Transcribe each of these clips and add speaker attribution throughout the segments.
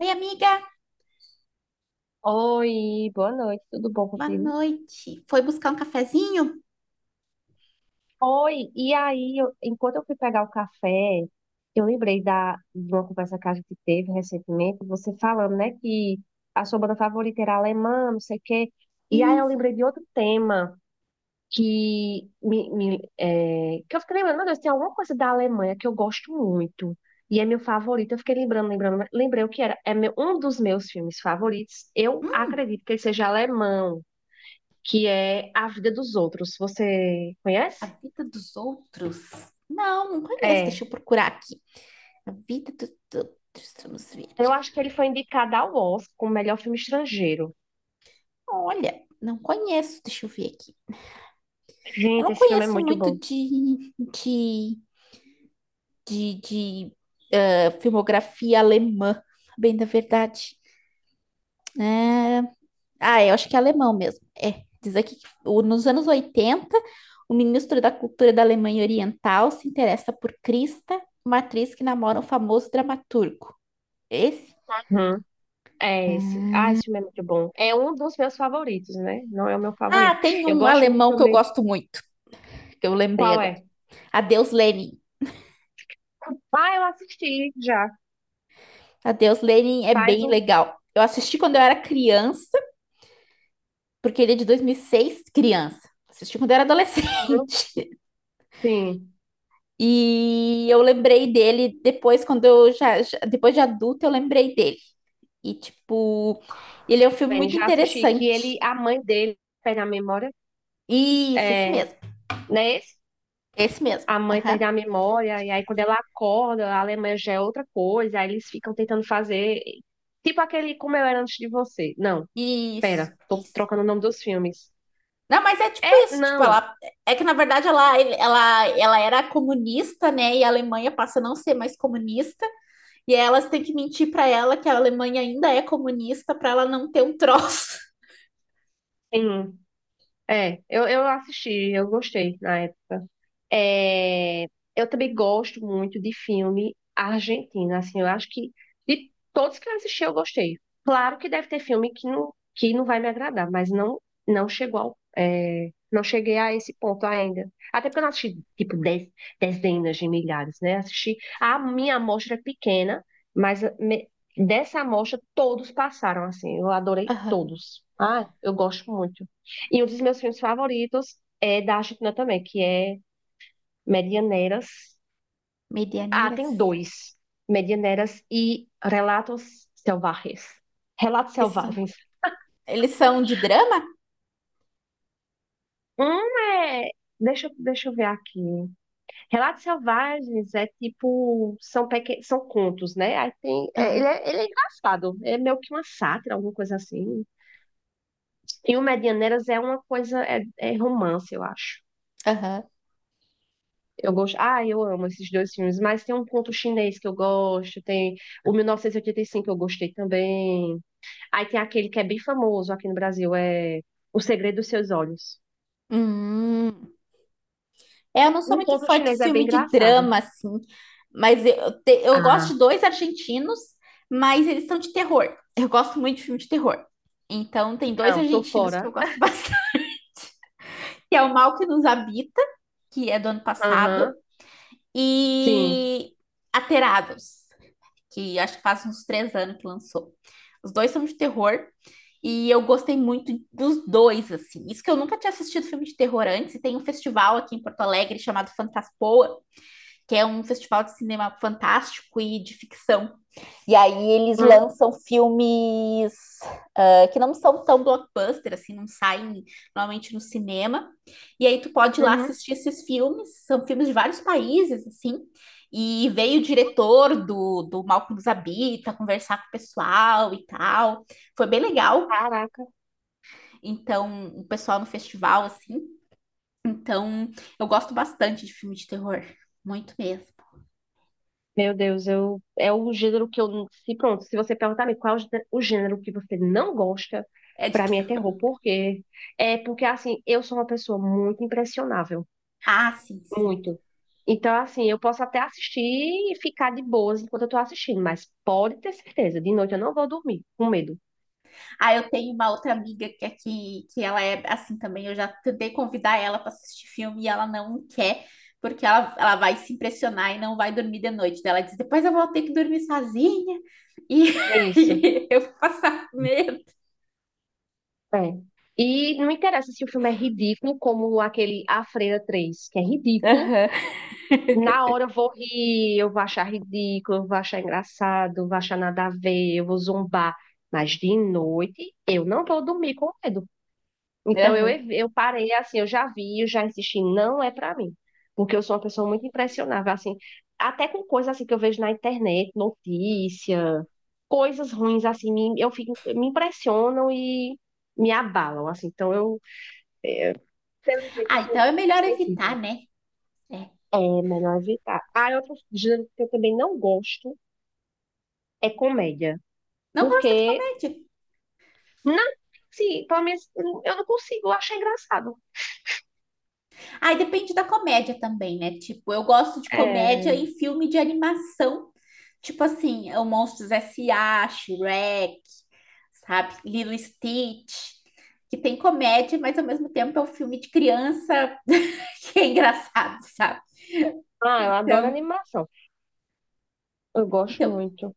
Speaker 1: Oi, amiga,
Speaker 2: Oi, boa noite, tudo bom
Speaker 1: boa
Speaker 2: contigo?
Speaker 1: noite. Foi buscar um cafezinho?
Speaker 2: Oi, e aí, enquanto eu fui pegar o café, eu lembrei de uma conversa que a gente teve recentemente, você falando, né, que a sua banda favorita era alemã, não sei o quê. E aí eu
Speaker 1: Isso,
Speaker 2: lembrei de outro tema que que eu fiquei lembrando, meu Deus, tem alguma coisa da Alemanha que eu gosto muito. E é meu favorito, eu fiquei lembrando, lembrei o que era. Um dos meus filmes favoritos, eu acredito que ele seja alemão, que é A Vida dos Outros. Você
Speaker 1: a
Speaker 2: conhece?
Speaker 1: vida dos outros. Não, não conheço,
Speaker 2: É.
Speaker 1: deixa eu procurar aqui. A vida dos outros, vamos ver.
Speaker 2: Eu acho que ele foi indicado ao Oscar como melhor filme estrangeiro.
Speaker 1: Olha, não conheço, deixa eu ver aqui. Eu
Speaker 2: Gente,
Speaker 1: não
Speaker 2: esse filme é
Speaker 1: conheço
Speaker 2: muito
Speaker 1: muito
Speaker 2: bom.
Speaker 1: de, de filmografia alemã, bem da verdade. Né? Ah, eu acho que é alemão mesmo. É, diz aqui que nos anos 80 o ministro da Cultura da Alemanha Oriental se interessa por Krista, uma atriz que namora um famoso dramaturgo. Esse?
Speaker 2: Uhum. É esse. Ah, esse filme é muito bom. É um dos meus favoritos, né? Não é o meu
Speaker 1: Ah,
Speaker 2: favorito.
Speaker 1: tem
Speaker 2: Eu
Speaker 1: um
Speaker 2: gosto muito
Speaker 1: alemão que eu
Speaker 2: também.
Speaker 1: gosto muito, que eu lembrei
Speaker 2: Qual
Speaker 1: agora.
Speaker 2: é?
Speaker 1: Adeus, Lenin.
Speaker 2: Ah, eu assisti já.
Speaker 1: Adeus, Lenin é
Speaker 2: Faz
Speaker 1: bem
Speaker 2: um
Speaker 1: legal. Eu assisti quando eu era criança, porque ele é de 2006 criança. Assisti quando eu era
Speaker 2: ano.
Speaker 1: adolescente.
Speaker 2: Sim.
Speaker 1: E eu lembrei dele depois, quando eu depois de adulta, eu lembrei dele. E, tipo, ele é um filme
Speaker 2: Bem,
Speaker 1: muito
Speaker 2: já assisti. Que ele,
Speaker 1: interessante.
Speaker 2: a mãe dele, perde a memória.
Speaker 1: Isso, esse
Speaker 2: É.
Speaker 1: mesmo.
Speaker 2: Não é esse?
Speaker 1: Esse mesmo.
Speaker 2: A mãe
Speaker 1: Aham.
Speaker 2: perde a memória, e aí quando ela acorda, a Alemanha já é outra coisa, aí eles ficam tentando fazer. Tipo aquele Como Eu Era Antes de Você. Não,
Speaker 1: Isso,
Speaker 2: pera, tô
Speaker 1: isso.
Speaker 2: trocando o nome dos filmes.
Speaker 1: Não, mas é tipo
Speaker 2: É,
Speaker 1: isso, tipo,
Speaker 2: não,
Speaker 1: ela é que na verdade ela era comunista, né? E a Alemanha passa a não ser mais comunista, e aí elas têm que mentir pra ela que a Alemanha ainda é comunista pra ela não ter um troço.
Speaker 2: sim. É, eu assisti, eu gostei na época. É, eu também gosto muito de filme argentino, assim, eu acho que de todos que eu assisti eu gostei. Claro que deve ter filme que não vai me agradar, mas não não chegou ao, não cheguei a esse ponto ainda. Até porque eu não assisti, tipo, dezenas de milhares, né? Assisti, a minha amostra é pequena, mas me- dessa amostra todos passaram, assim, eu adorei
Speaker 1: Aham.
Speaker 2: todos. Ah, eu gosto muito. E um dos meus filmes favoritos é da Argentina também, que é Medianeiras. Ah,
Speaker 1: Medianeiras.
Speaker 2: tem dois. Medianeiras e Relatos Selvagens. Relatos
Speaker 1: Esses são-
Speaker 2: Selvagens.
Speaker 1: Eles são de drama?
Speaker 2: Um é. Deixa eu ver aqui. Relatos Selvagens é tipo. São, são contos, né? Aí tem...
Speaker 1: Aham.
Speaker 2: ele é engraçado. É meio que uma sátira, alguma coisa assim. E o Medianeiras é uma coisa. É romance, eu acho.
Speaker 1: Aham.
Speaker 2: Eu gosto. Ah, eu amo esses dois filmes. Mas tem um conto chinês que eu gosto. Tem o 1985, eu gostei também. Aí tem aquele que é bem famoso aqui no Brasil, é O Segredo dos Seus Olhos.
Speaker 1: Hum. É, eu não sou
Speaker 2: Um
Speaker 1: muito
Speaker 2: conto
Speaker 1: fã de
Speaker 2: chinês é bem
Speaker 1: filme de
Speaker 2: engraçado.
Speaker 1: drama, assim, mas eu gosto
Speaker 2: Ah,
Speaker 1: de dois argentinos, mas eles são de terror. Eu gosto muito de filme de terror. Então, tem dois
Speaker 2: não, tô
Speaker 1: argentinos que
Speaker 2: fora.
Speaker 1: eu gosto bastante, que é O Mal que Nos Habita, que é do ano passado,
Speaker 2: Aham, sim.
Speaker 1: e Aterados, que acho que faz uns 3 anos que lançou. Os dois são de terror, e eu gostei muito dos dois, assim. Isso que eu nunca tinha assistido filme de terror antes, e tem um festival aqui em Porto Alegre chamado Fantaspoa, que é um festival de cinema fantástico e de ficção. E aí eles
Speaker 2: Hum,
Speaker 1: lançam filmes que não são tão blockbuster, assim, não saem normalmente no cinema. E aí tu pode ir lá
Speaker 2: uhum.
Speaker 1: assistir esses filmes, são filmes de vários países, assim. E veio o diretor do Mal que nos habita conversar com o pessoal e tal. Foi bem legal.
Speaker 2: Caraca,
Speaker 1: Então, o pessoal no festival, assim. Então, eu gosto bastante de filme de terror. Muito mesmo.
Speaker 2: meu Deus, eu é o gênero que eu não- se pronto, se você perguntar-me qual é o o gênero que você não gosta,
Speaker 1: É de
Speaker 2: pra mim é
Speaker 1: terror.
Speaker 2: terror, por quê? É porque assim, eu sou uma pessoa muito impressionável.
Speaker 1: Ah, sim, sim.
Speaker 2: Muito. Então, assim, eu posso até assistir e ficar de boas enquanto eu tô assistindo, mas pode ter certeza, de noite eu não vou dormir, com medo.
Speaker 1: Ah, eu tenho uma outra amiga que aqui, que ela é assim também. Eu já tentei convidar ela para assistir filme e ela não quer, porque ela vai se impressionar e não vai dormir de noite. Daí ela diz: depois eu vou ter que dormir sozinha e
Speaker 2: Isso,
Speaker 1: e eu vou passar medo.
Speaker 2: é. E não interessa se o filme é ridículo, como aquele A Freira 3, que é ridículo.
Speaker 1: Aham,
Speaker 2: Na hora eu vou rir, eu vou achar ridículo, eu vou achar engraçado, eu vou achar nada a ver, eu vou zombar. Mas de noite eu não vou dormir com medo. Então eu,
Speaker 1: aham.
Speaker 2: eu parei assim, eu já vi, eu já insisti, não é pra mim. Porque eu sou uma pessoa muito impressionável, assim, até com coisas assim que eu vejo na internet, notícia, coisas ruins assim, eu fico, me impressionam e me abalam, assim. Então eu, felizmente, eu
Speaker 1: Ah, então
Speaker 2: sou
Speaker 1: é melhor evitar,
Speaker 2: sensível.
Speaker 1: né? É.
Speaker 2: É melhor evitar. Ah, e outro gênero que eu também não gosto é comédia,
Speaker 1: Não gosta de
Speaker 2: porque
Speaker 1: comédia?
Speaker 2: não, sim, pelo menos eu não consigo, eu acho engraçado.
Speaker 1: Ah, e depende da comédia também, né? Tipo, eu gosto de comédia
Speaker 2: É,
Speaker 1: em filme de animação, tipo assim, é o Monstros S. S.A., Shrek, sabe? Lilo e Stitch, que tem comédia, mas ao mesmo tempo é um filme de criança que é engraçado, sabe?
Speaker 2: ah, eu adoro
Speaker 1: Então,
Speaker 2: animação. Eu gosto
Speaker 1: então
Speaker 2: muito.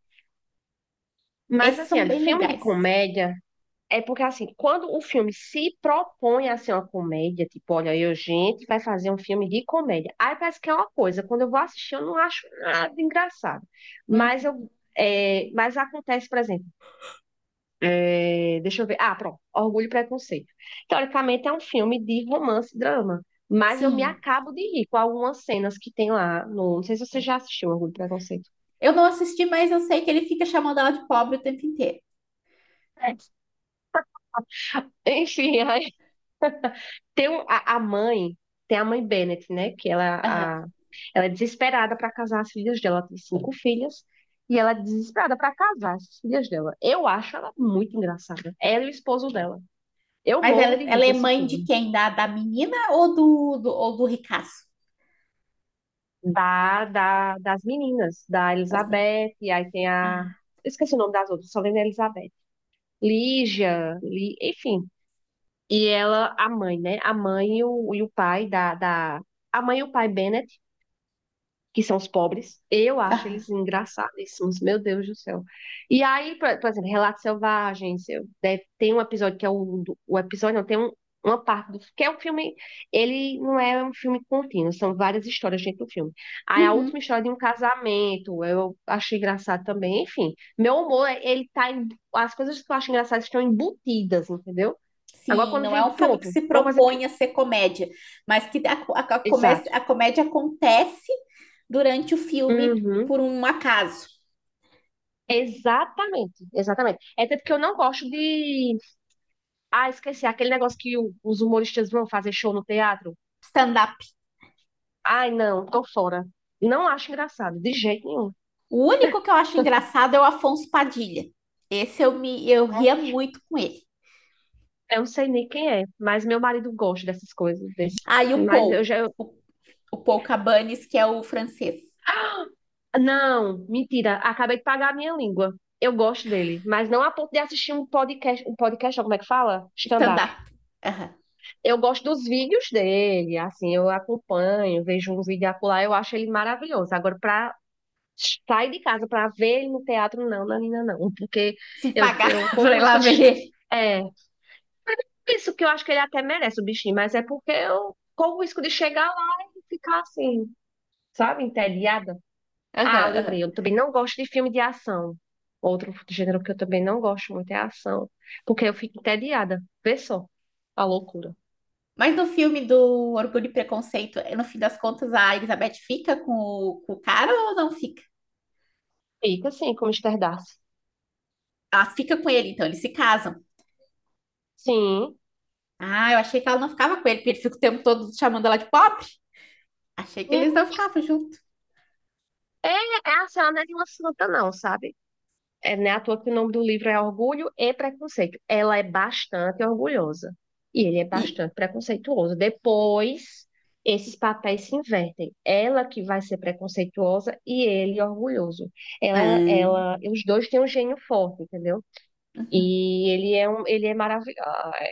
Speaker 2: Mas
Speaker 1: esses
Speaker 2: assim,
Speaker 1: são
Speaker 2: olha,
Speaker 1: bem
Speaker 2: filme de
Speaker 1: legais.
Speaker 2: comédia é porque assim, quando o filme se propõe a ser uma comédia, tipo, olha, eu, gente, vai fazer um filme de comédia. Aí parece que é uma coisa, quando eu vou assistir, eu não acho nada engraçado. Mas
Speaker 1: Hum,
Speaker 2: eu mas acontece, por exemplo, deixa eu ver. Ah, pronto, Orgulho e Preconceito. Teoricamente é um filme de romance e drama, mas eu me
Speaker 1: sim.
Speaker 2: acabo de rir com algumas cenas que tem lá no, não sei se você já assistiu Orgulho e Preconceito.
Speaker 1: Eu não assisti, mas eu sei que ele fica chamando ela de pobre o tempo inteiro.
Speaker 2: É. Enfim, a mãe, tem a mãe Bennett, né?
Speaker 1: Aham.
Speaker 2: Ela é desesperada para casar as filhas dela. Ela tem 5 filhas e ela é desesperada para casar as filhas dela. Eu acho ela muito engraçada. Ela e o esposo dela. Eu
Speaker 1: Mas ela,
Speaker 2: morro de rir
Speaker 1: ela
Speaker 2: com
Speaker 1: é
Speaker 2: esse
Speaker 1: mãe de
Speaker 2: filme.
Speaker 1: quem? Da menina ou ou do ricaço?
Speaker 2: Das meninas, da
Speaker 1: Das meninas.
Speaker 2: Elizabeth, e aí tem a.
Speaker 1: Ah,
Speaker 2: Eu esqueci o nome das outras, só lembro da Elizabeth. Lígia, enfim. E ela, a mãe, né? A mãe e o pai da. A mãe e o pai Bennett que são os pobres. Eu acho
Speaker 1: aham.
Speaker 2: eles engraçadíssimos, meu Deus do céu. E aí, por exemplo, Relatos Selvagens, tem um episódio que é o episódio, não, tem uma parte do, que é um filme, ele não é um filme contínuo, são várias histórias dentro do filme. Aí a última
Speaker 1: Uhum.
Speaker 2: história de um casamento, eu achei engraçado também, enfim. Meu humor, as coisas que eu acho engraçadas estão embutidas, entendeu? Agora
Speaker 1: Sim,
Speaker 2: quando
Speaker 1: não é
Speaker 2: vem,
Speaker 1: um filme que
Speaker 2: pronto,
Speaker 1: se
Speaker 2: uma coisa que,
Speaker 1: propõe a ser comédia, mas que a, a, a, comé-
Speaker 2: exato.
Speaker 1: a comédia acontece durante o filme
Speaker 2: Uhum.
Speaker 1: por um acaso.
Speaker 2: Exatamente, exatamente. É tanto que eu não gosto de. Ah, esqueci aquele negócio os humoristas vão fazer show no teatro.
Speaker 1: Stand-up.
Speaker 2: Ai, não, tô fora. Não acho engraçado, de jeito nenhum.
Speaker 1: O único que eu acho engraçado é o Afonso Padilha. Esse eu ria muito com ele.
Speaker 2: Eu não sei nem quem é, mas meu marido gosta dessas coisas.
Speaker 1: Aí
Speaker 2: Mas eu já.
Speaker 1: O, o Paul Cabanes, que é o francês.
Speaker 2: Não, mentira, acabei de pagar a minha língua. Eu gosto dele, mas não a ponto de assistir um podcast, não, como é que fala?
Speaker 1: Stand-up.
Speaker 2: Stand-up.
Speaker 1: Uhum.
Speaker 2: Eu gosto dos vídeos dele, assim, eu acompanho, vejo um vídeo acolá, eu acho ele maravilhoso. Agora, pra sai de casa para ver ele no teatro, não, Nanina, não, porque
Speaker 1: Se
Speaker 2: eu,
Speaker 1: pagar
Speaker 2: eu corro
Speaker 1: pra
Speaker 2: o
Speaker 1: ir lá
Speaker 2: risco de.
Speaker 1: ver ele.
Speaker 2: É, isso que eu acho que ele até merece o bichinho, mas é porque eu corro o risco de chegar lá e ficar assim, sabe, entediada.
Speaker 1: Uhum,
Speaker 2: Ah, lembrei,
Speaker 1: uhum.
Speaker 2: eu também não gosto de filme de ação. Outro gênero que eu também não gosto muito é ação, porque eu fico entediada. Vê só a loucura.
Speaker 1: Mas no filme do Orgulho e Preconceito, no fim das contas, a Elizabeth fica com o cara ou não fica?
Speaker 2: Fica assim, como esterdalha.
Speaker 1: Ela fica com ele, então eles se casam.
Speaker 2: Sim.
Speaker 1: Ah, eu achei que ela não ficava com ele, porque ele fica o tempo todo chamando ela de pobre. Achei que eles
Speaker 2: Hum.
Speaker 1: não ficavam juntos.
Speaker 2: É assim, ela não é de uma santa, não, sabe? É, né, à toa que o nome do livro é Orgulho e Preconceito. Ela é bastante orgulhosa e ele é
Speaker 1: E.
Speaker 2: bastante preconceituoso. Depois, esses papéis se invertem. Ela que vai ser preconceituosa e ele orgulhoso. Ela,
Speaker 1: Ah,
Speaker 2: ela, os dois têm um gênio forte, entendeu? E ele é ele é maravilhoso.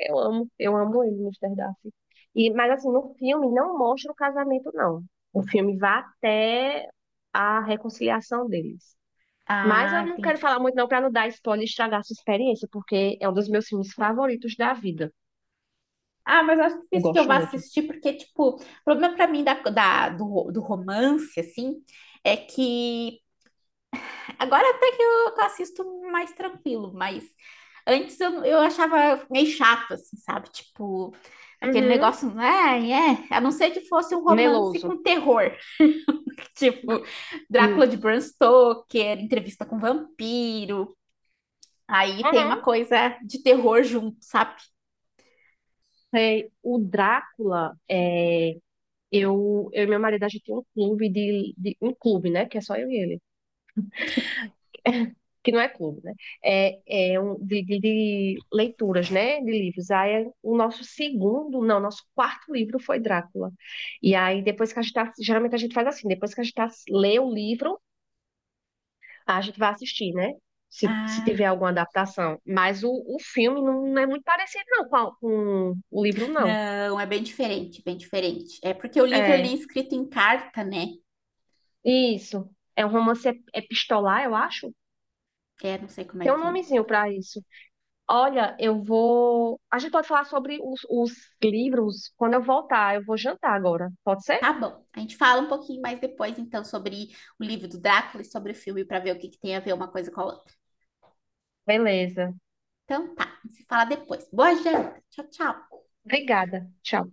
Speaker 2: Eu amo ele, Mr. Darcy. E, mas assim, no filme não mostra o casamento, não. O filme vai até a reconciliação deles. Mas
Speaker 1: ah,
Speaker 2: eu não quero
Speaker 1: entendi.
Speaker 2: falar muito não para não dar spoiler e estragar a sua experiência, porque é um dos meus filmes favoritos da vida.
Speaker 1: Ah, mas acho
Speaker 2: Eu
Speaker 1: difícil que eu
Speaker 2: gosto
Speaker 1: vá
Speaker 2: muito.
Speaker 1: assistir, porque, tipo, o problema pra mim do romance, assim, é que agora até que eu assisto mais tranquilo, mas antes eu achava meio chato, assim, sabe? Tipo, aquele
Speaker 2: Uhum.
Speaker 1: negócio, ai, é, a não ser que fosse um romance
Speaker 2: Meloso.
Speaker 1: com terror, tipo,
Speaker 2: Hum.
Speaker 1: Drácula de Bram Stoker, entrevista com vampiro, aí tem
Speaker 2: Uhum.
Speaker 1: uma coisa de terror junto, sabe?
Speaker 2: Sei, o Drácula, eu e meu marido, a gente tem um clube um clube, né? Que é só eu e ele, que não é clube, né? É, é um de leituras, né? De livros. Aí o nosso segundo, não, nosso quarto livro foi Drácula. E aí, depois que geralmente a gente faz assim, depois que a gente tá, lê o livro. A gente vai assistir, né? Se
Speaker 1: Ah,
Speaker 2: tiver alguma adaptação. Mas o filme não é muito parecido, não, com, com o livro, não.
Speaker 1: não, é bem diferente, bem diferente. É porque o livro ele é
Speaker 2: É,
Speaker 1: escrito em carta, né?
Speaker 2: isso. É um romance epistolar, eu acho.
Speaker 1: É, não sei como é
Speaker 2: Tem um
Speaker 1: que.
Speaker 2: nomezinho pra isso. Olha, eu vou. A gente pode falar sobre os livros quando eu voltar. Eu vou jantar agora. Pode ser?
Speaker 1: Tá bom, a gente fala um pouquinho mais depois, então, sobre o livro do Drácula e sobre o filme, para ver o que, que tem a ver uma coisa com a outra.
Speaker 2: Beleza.
Speaker 1: Então, tá, a gente se fala depois. Boa janta, tchau, tchau.
Speaker 2: Obrigada. Tchau.